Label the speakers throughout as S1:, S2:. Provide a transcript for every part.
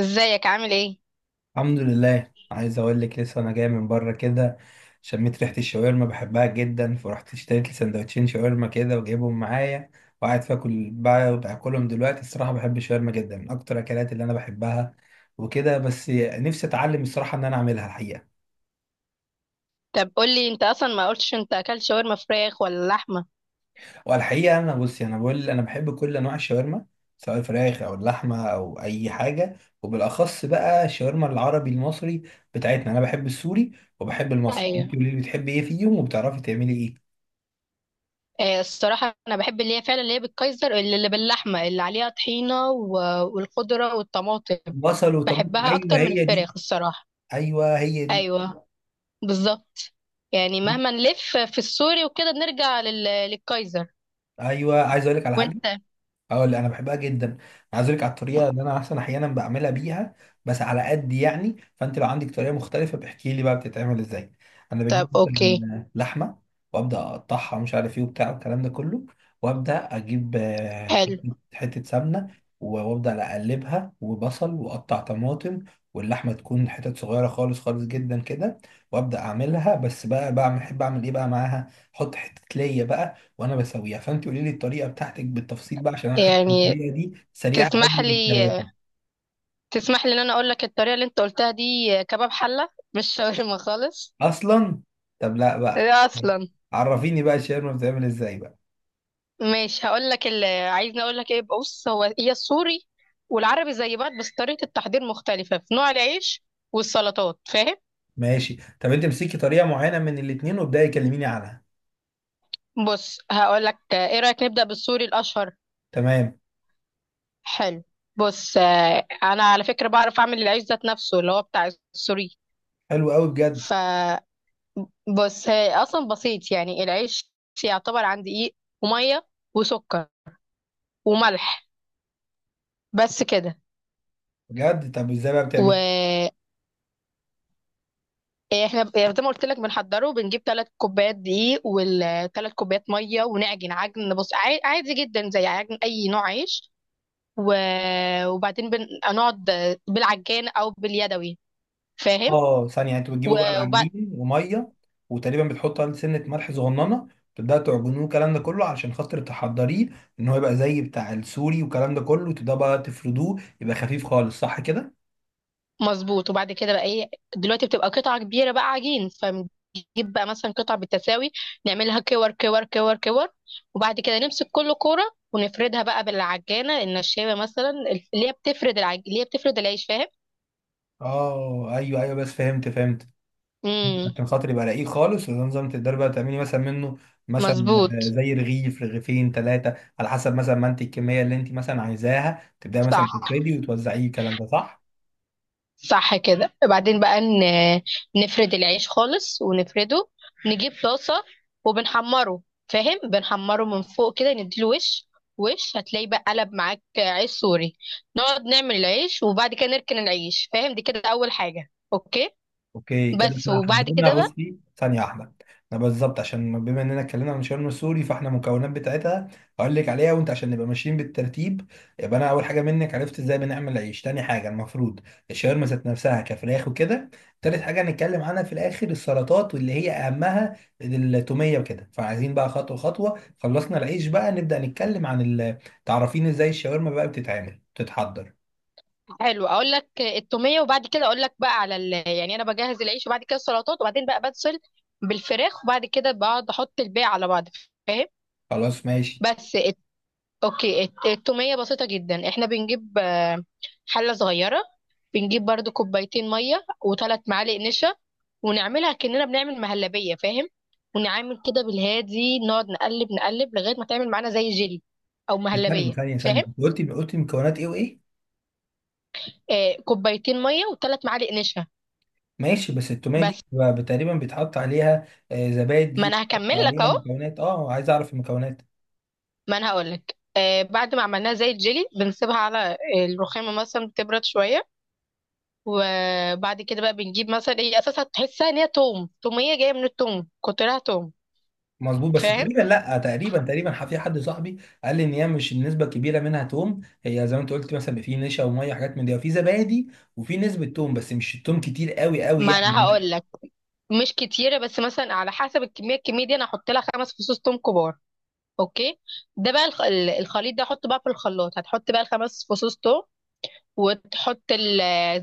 S1: ازيك، عامل ايه؟
S2: الحمد لله. عايز اقول لك، لسه انا جاي من بره كده. شميت ريحه الشاورما، بحبها جدا، فرحت اشتريت لي سندوتشين شاورما كده وجايبهم معايا. وقاعد باكل بقى، باكلهم دلوقتي. الصراحه بحب الشاورما جدا، من اكتر الاكلات اللي انا بحبها. وكده بس نفسي اتعلم الصراحه ان انا اعملها الحقيقه.
S1: طب قولي، انت اصلا ما قلتش، انت اكلت شاورما فراخ ولا لحمه؟
S2: والحقيقه انا، بصي، انا بقول انا بحب كل انواع الشاورما، سواء الفراخ او اللحمه او اي حاجه. وبالاخص بقى الشاورما العربي المصري بتاعتنا. انا بحب السوري وبحب المصري.
S1: ايوه.
S2: انت قولي لي، بتحبي ايه فيهم وبتعرفي تعملي ايه؟
S1: الصراحه انا بحب اللي هي فعلا، اللي هي بالكايزر، اللي باللحمه اللي عليها طحينه والخضره والطماطم.
S2: بصل وطماطم،
S1: بحبها
S2: ايوه
S1: اكتر من
S2: هي دي.
S1: الفراخ، الصراحه.
S2: ايوه هي دي.
S1: ايوه، بالظبط. يعني مهما نلف في السوري وكده، بنرجع للكايزر.
S2: ايوه. عايز اقول لك على حاجه.
S1: وانت؟
S2: اه، اللي انا بحبها جدا. عايز اقول لك على الطريقه اللي انا احسن احيانا بعملها بيها، بس على قد يعني. فانت لو عندك طريقه مختلفه بحكي لي بقى بتتعمل ازاي. انا بجيب
S1: طب اوكي،
S2: مثلا لحمه وابدا اقطعها، مش عارف ايه وبتاع والكلام ده كله. وابدا اجيب
S1: حلو.
S2: حته حتة سمنه. وابدا اقلبها وبصل واقطع طماطم، واللحمه تكون حتت صغيره خالص خالص جدا كدا. وابدا اعملها بس بقى، بعمل احب اعمل ايه بقى معاها، احط حته ليا بقى وانا بسويها. فانت قولي لي الطريقه بتاعتك بالتفصيل بقى، عشان انا حاسس ان
S1: يعني
S2: الطريقه دي سريعه قوي
S1: تسمح لي
S2: للكرواتي
S1: تسمح لي ان انا اقول لك، الطريقه اللي انت قلتها دي كباب حله، مش شاورما خالص.
S2: اصلا. طب لا بقى،
S1: إيه اصلا؟
S2: عرفيني بقى الشاورما بتتعمل ازاي بقى.
S1: ماشي، هقول لك اللي عايزني اقول لك ايه. بص، هو هي السوري والعربي زي بعض، بس طريقه التحضير مختلفه في نوع العيش والسلطات، فاهم؟
S2: ماشي، طب انت امسكي طريقه معينه من الاثنين وابداي كلميني عنها.
S1: بص، هقول لك، ايه رايك نبدا بالسوري الاشهر؟
S2: تمام.
S1: حلو. بص، انا على فكره بعرف اعمل العيش ذات نفسه اللي هو بتاع السوري.
S2: حلو قوي بجد.
S1: ف بص، هي اصلا بسيط يعني العيش، يعتبر عن دقيق وميه وسكر وملح، بس كده.
S2: بجد طب ازاي بقى
S1: و...
S2: بتعملي؟
S1: احنا زي ما قلت لك بنحضره، بنجيب 3 كوبايات دقيق والـ3 كوبايات ميه، ونعجن عجن، بص عادي جدا، زي عجن اي نوع عيش. وبعدين بنقعد بالعجان او باليدوي، فاهم؟
S2: اه، ثانيه، انتوا بتجيبوا بقى
S1: وبعد.
S2: العجين وميه، وتقريبا بتحطوا عليه سنه ملح صغننه، تبدأ تعجنوه الكلام ده كله علشان خاطر تحضريه، ان هو يبقى زي بتاع السوري والكلام ده كله. وتبدأ بقى تفردوه، يبقى خفيف خالص، صح كده؟
S1: مظبوط، وبعد كده بقى ايه؟ دلوقتي بتبقى قطعه كبيره بقى عجين، فنجيب بقى مثلا قطع بالتساوي، نعملها كور كور كور كور، وبعد كده نمسك كل كوره ونفردها بقى بالعجانه النشابه مثلا، اللي هي بتفرد العيش،
S2: اه، ايوه، ايوه بس فهمت فهمت،
S1: فاهم؟
S2: عشان خاطر يبقى رقيق خالص. وده نظام تقدري بقى تعملي مثلا منه، مثلا
S1: مظبوط،
S2: زي رغيف رغيفين ثلاثه، على حسب مثلا ما انت الكميه اللي انت مثلا عايزاها، تبداي مثلا
S1: صح،
S2: تفردي وتوزعيه الكلام ده، صح؟
S1: صح كده. وبعدين بقى نفرد العيش خالص ونفرده، نجيب طاسة وبنحمره، فاهم؟ بنحمره من فوق كده، نديله وش. وش هتلاقي بقى قلب معاك عيش سوري. نقعد نعمل العيش وبعد كده نركن العيش، فاهم؟ دي كده أول حاجة. أوكي.
S2: اوكي، كده
S1: بس.
S2: احنا
S1: وبعد
S2: حددنا.
S1: كده بقى،
S2: بصي ثانية واحدة، انا بالظبط عشان بما اننا اتكلمنا عن شرم السوري، فاحنا المكونات بتاعتها هقول لك عليها. وانت عشان نبقى ماشيين بالترتيب، يبقى انا اول حاجة منك عرفت ازاي بنعمل عيش. تاني حاجة المفروض الشاورما ذات نفسها كفراخ وكده. تالت حاجة هنتكلم عنها في الاخر، السلطات، واللي هي اهمها التومية وكده. فعايزين بقى خطوة خطوة. خلصنا العيش، بقى نبدأ نتكلم عن تعرفين ازاي الشاورما بقى بتتعمل بتتحضر.
S1: حلو، اقول لك التوميه، وبعد كده اقول لك بقى على يعني انا بجهز العيش وبعد كده السلطات، وبعدين بقى بتصل بالفراخ، وبعد كده بقعد احط الباقي على بعض، فاهم؟
S2: خلاص ماشي.
S1: بس. اوكي، التومية بسيطة جدا. احنا بنجيب حلة صغيرة، بنجيب برضو 2 كوبايات مية و3 معالق نشا، ونعملها كأننا بنعمل مهلبية، فاهم؟ ونعمل كده بالهادي، نقعد نقلب نقلب لغاية ما تعمل معانا زي جيلي أو
S2: ثانية
S1: مهلبية،
S2: ثانية ثانية،
S1: فاهم؟
S2: قلتي قلتي مكونات ايه وايه؟
S1: آه، 2 كوبايات مية و3 معالق نشا.
S2: ماشي، بس التوميه دي
S1: بس،
S2: تقريبا بيتحط عليها زبادي.
S1: ما
S2: دي
S1: أنا
S2: بيتحط
S1: هكمل لك
S2: عليها
S1: أهو،
S2: مكونات. اه عايز اعرف المكونات.
S1: ما أنا هقول لك. بعد ما عملناها زي الجيلي بنسيبها على الرخامة مثلا، بتبرد شوية. وبعد كده بقى بنجيب مثلا، ايه اساسا؟ تحسها ان هي توم، توميه جايه من التوم، كترها توم،
S2: مظبوط، بس
S1: فاهم؟
S2: تقريبا لا، تقريبا، تقريبا في حد صاحبي قال لي ان هي مش النسبه الكبيره منها توم. هي زي ما انت قلت، مثلا في نشا وميه وحاجات من دي، وفي زبادي، وفي نسبه توم، بس مش التوم كتير قوي قوي
S1: ما انا
S2: يعني.
S1: هقول لك. مش كتيره، بس مثلا على حسب الكميه دي انا هحط لها 5 فصوص توم كبار. اوكي. ده بقى الخليط ده، احطه بقى في الخلاط، هتحط بقى الـ5 فصوص توم، وتحط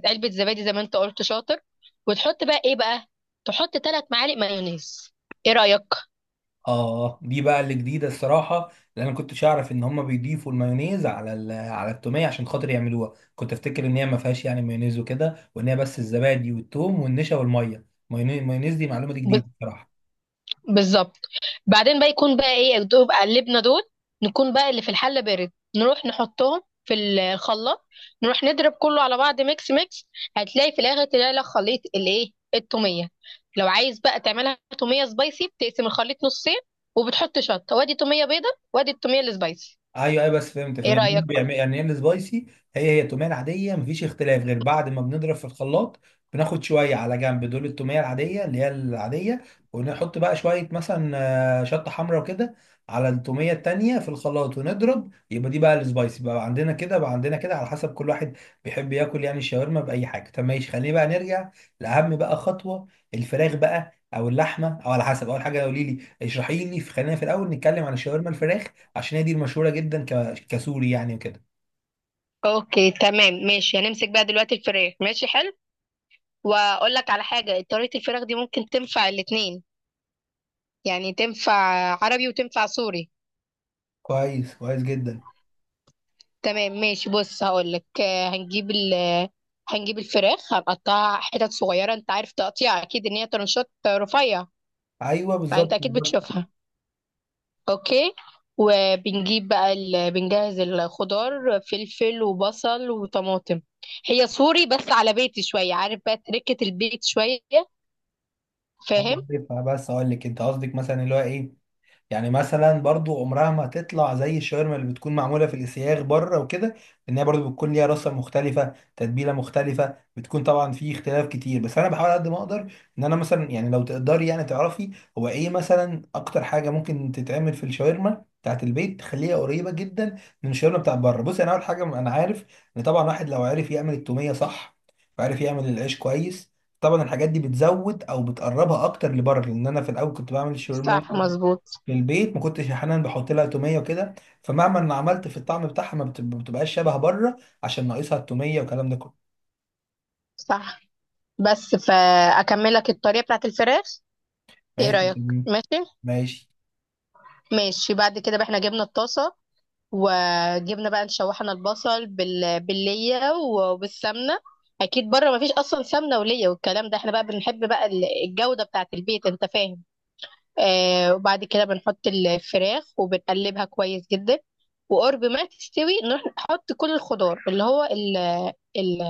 S1: علبه زبادي زي ما انت قلت، شاطر، وتحط بقى ايه بقى؟ تحط 3 معالق مايونيز، ايه رايك؟
S2: اه. آه. دي بقى اللي جديده الصراحه، لان انا كنتش اعرف ان هم بيضيفوا المايونيز على التوميه عشان خاطر يعملوها. كنت افتكر ان هي ما فيهاش يعني مايونيز وكده، وان هي بس الزبادي والثوم والنشا والميه. مايونيز، دي معلومه دي جديده الصراحه.
S1: بالظبط. بعدين بقى يكون بقى ايه؟ الدوب قلبنا دول، نكون بقى اللي في الحله بارد، نروح نحطهم في الخلاط، نروح نضرب كله على بعض، ميكس ميكس، هتلاقي في الاخر تلاقي لك خليط الايه، التوميه. لو عايز بقى تعملها توميه سبايسي، بتقسم الخليط نصين وبتحط شطه، وادي توميه بيضه وادي التوميه السبايسي،
S2: ايوه، ايوه بس فهمت
S1: ايه
S2: فهمت، يعني هم
S1: رايك؟
S2: بيعمل يعني هي السبايسي. هي هي التوميه العاديه، مفيش اختلاف غير بعد ما بنضرب في الخلاط، بناخد شويه على جنب دول التوميه العاديه اللي هي العاديه. ونحط بقى شويه مثلا شطه حمراء وكده على التوميه التانيه في الخلاط، ونضرب، يبقى دي بقى السبايسي. بقى عندنا كده بقى عندنا كده على حسب كل واحد بيحب ياكل يعني الشاورما باي حاجه. طب ماشي، خلينا بقى نرجع لاهم بقى خطوه، الفراخ بقى او اللحمه، او على حسب. اول حاجه قولي لي، اشرحي لي، خلينا في الاول نتكلم عن الشاورما الفراخ عشان هي دي المشهوره جدا كسوري يعني وكده.
S1: اوكي تمام، ماشي. هنمسك بقى دلوقتي الفراخ، ماشي حلو. واقول لك على حاجه، طريقه الفراخ دي ممكن تنفع الاتنين، يعني تنفع عربي وتنفع سوري.
S2: كويس كويس جدا.
S1: تمام ماشي، بص هقولك، آه، هنجيب ال آه، هنجيب الفراخ، هنقطعها حتت صغيرة، انت عارف تقطيع، اكيد ان هي ترنشات رفيع،
S2: ايوه
S1: فانت
S2: بالظبط
S1: اكيد
S2: بالظبط.
S1: بتشوفها. اوكي. وبنجيب بقى بنجهز الخضار، فلفل وبصل وطماطم. هي سوري بس على بيتي شوية، عارف بقى تركة البيت شوية،
S2: انا
S1: فاهم؟
S2: عارفها، بس اقول لك انت قصدك مثلا اللي هو ايه؟ يعني مثلا برضو عمرها ما هتطلع زي الشاورما اللي بتكون معموله في الاسياخ بره وكده، لان هي برضو بتكون ليها رصه مختلفه، تتبيله مختلفه، بتكون طبعا في اختلاف كتير. بس انا بحاول قد ما اقدر ان انا مثلا، يعني لو تقدري يعني تعرفي، هو ايه مثلا اكتر حاجه ممكن تتعمل في الشاورما بتاعت البيت تخليها قريبه جدا من الشاورما بتاعت بره. بصي انا اول حاجه انا عارف ان طبعا واحد لو عرف يعمل التوميه صح، وعرف يعمل العيش كويس، طبعا الحاجات دي بتزود او بتقربها اكتر لبره. لان انا في الاول كنت بعمل الشاورما
S1: صح، مظبوط.
S2: للبيت، ما كنتش احيانا بحط لها توميه وكده، فمهما انا عملت في الطعم بتاعها ما بتبقاش شبه بره، عشان ناقصها التوميه والكلام ده كله.
S1: صح. بس، فاكملك الطريقة بتاعت الفراخ، ايه
S2: ماشي.
S1: رأيك؟
S2: مم.
S1: ماشي.
S2: ماشي.
S1: ماشي، بعد كده بقى احنا جبنا الطاسة، وجبنا بقى نشوحنا البصل بالليه وبالسمنه. اكيد بره مفيش اصلا سمنه وليه والكلام ده، احنا بقى بنحب بقى الجوده بتاعه البيت، انت فاهم؟ وبعد كده بنحط الفراخ وبنقلبها كويس جدا، وقرب ما تستوي نروح نحط كل الخضار، اللي هو ال ال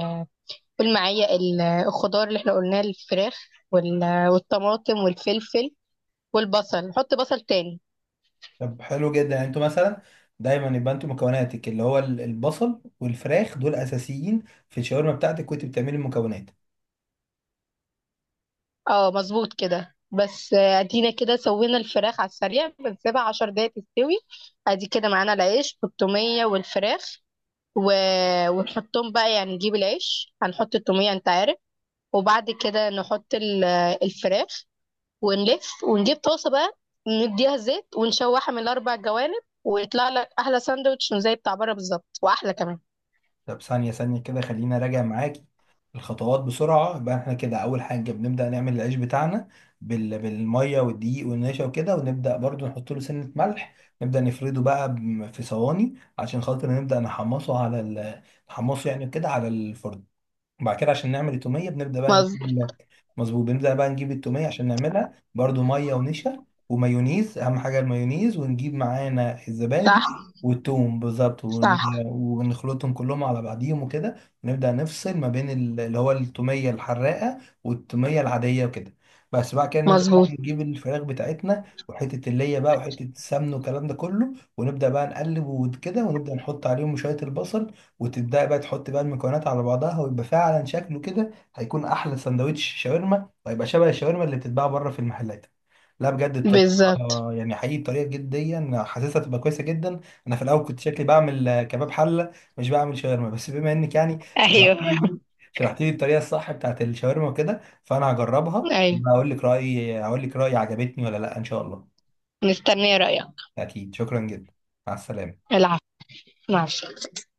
S1: قول معايا، الخضار اللي احنا قلناه: الفراخ والطماطم والفلفل والبصل، نحط بصل تاني.
S2: طب حلو جدا، يعني انتوا مثلا دايما يبقى انتوا مكوناتك اللي هو البصل والفراخ دول اساسيين في الشاورما بتاعتك وانت بتعملي المكونات.
S1: اه مظبوط كده. بس ادينا كده سوينا الفراخ على السريع، بنسيبها 10 دقايق تستوي. ادي كده معانا العيش والتومية والفراخ، و... ونحطهم بقى، يعني نجيب العيش، هنحط التومية، انت عارف، وبعد كده نحط الفراخ، ونلف ونجيب طاسة بقى، نديها زيت ونشوحها من الـ4 جوانب، ويطلع لك احلى ساندوتش زي بتاع بره بالظبط، واحلى كمان.
S2: طب ثانيه ثانيه كده، خلينا راجع معاك الخطوات بسرعة. يبقى احنا كده أول حاجة بنبدأ نعمل العيش بتاعنا بالمية والدقيق والنشا وكده، ونبدأ برضو نحط له سنة ملح، نبدأ نفرده بقى في صواني عشان خاطر نبدأ نحمصه على نحمصه يعني كده على الفرن. وبعد كده عشان نعمل التوميه بنبدا بقى نجيب
S1: مظبوط.
S2: مظبوط. بنبدا بقى نجيب التوميه عشان نعملها، برضو ميه ونشا ومايونيز، اهم حاجه المايونيز، ونجيب معانا الزبادي
S1: صح،
S2: والثوم بالظبط،
S1: صح.
S2: ونخلطهم كلهم على بعضيهم وكده. ونبدا نفصل ما بين اللي هو التوميه الحراقه والتوميه العاديه وكده. بس بعد كده نبدا بقى
S1: مظبوط.
S2: نجيب الفراخ بتاعتنا، وحته الليه بقى وحته السمن والكلام ده كله، ونبدا بقى نقلب وكده، ونبدا نحط عليهم شويه البصل، وتبدأ بقى تحط بقى المكونات على بعضها، ويبقى فعلا شكله كده هيكون أحلى سندوتش شاورما، وهيبقى شبه الشاورما اللي بتتباع بره في المحلات. لا بجد الطريقة،
S1: بالظبط.
S2: يعني حقيقي الطريقة جديا حاسسها تبقى كويسة جدا. أنا في الأول كنت شكلي بعمل كباب حلة، مش بعمل شاورما. بس بما إنك يعني
S1: ايوه،
S2: شرحتي لي شرحتي لي الطريقة الصح بتاعت الشاورما وكده، فأنا هجربها
S1: ايوه.
S2: وأقول لك رأيي. عجبتني ولا لأ إن شاء الله.
S1: مستنيه رايك.
S2: أكيد، شكرا جدا. مع السلامة.
S1: العفو. مع السلامة.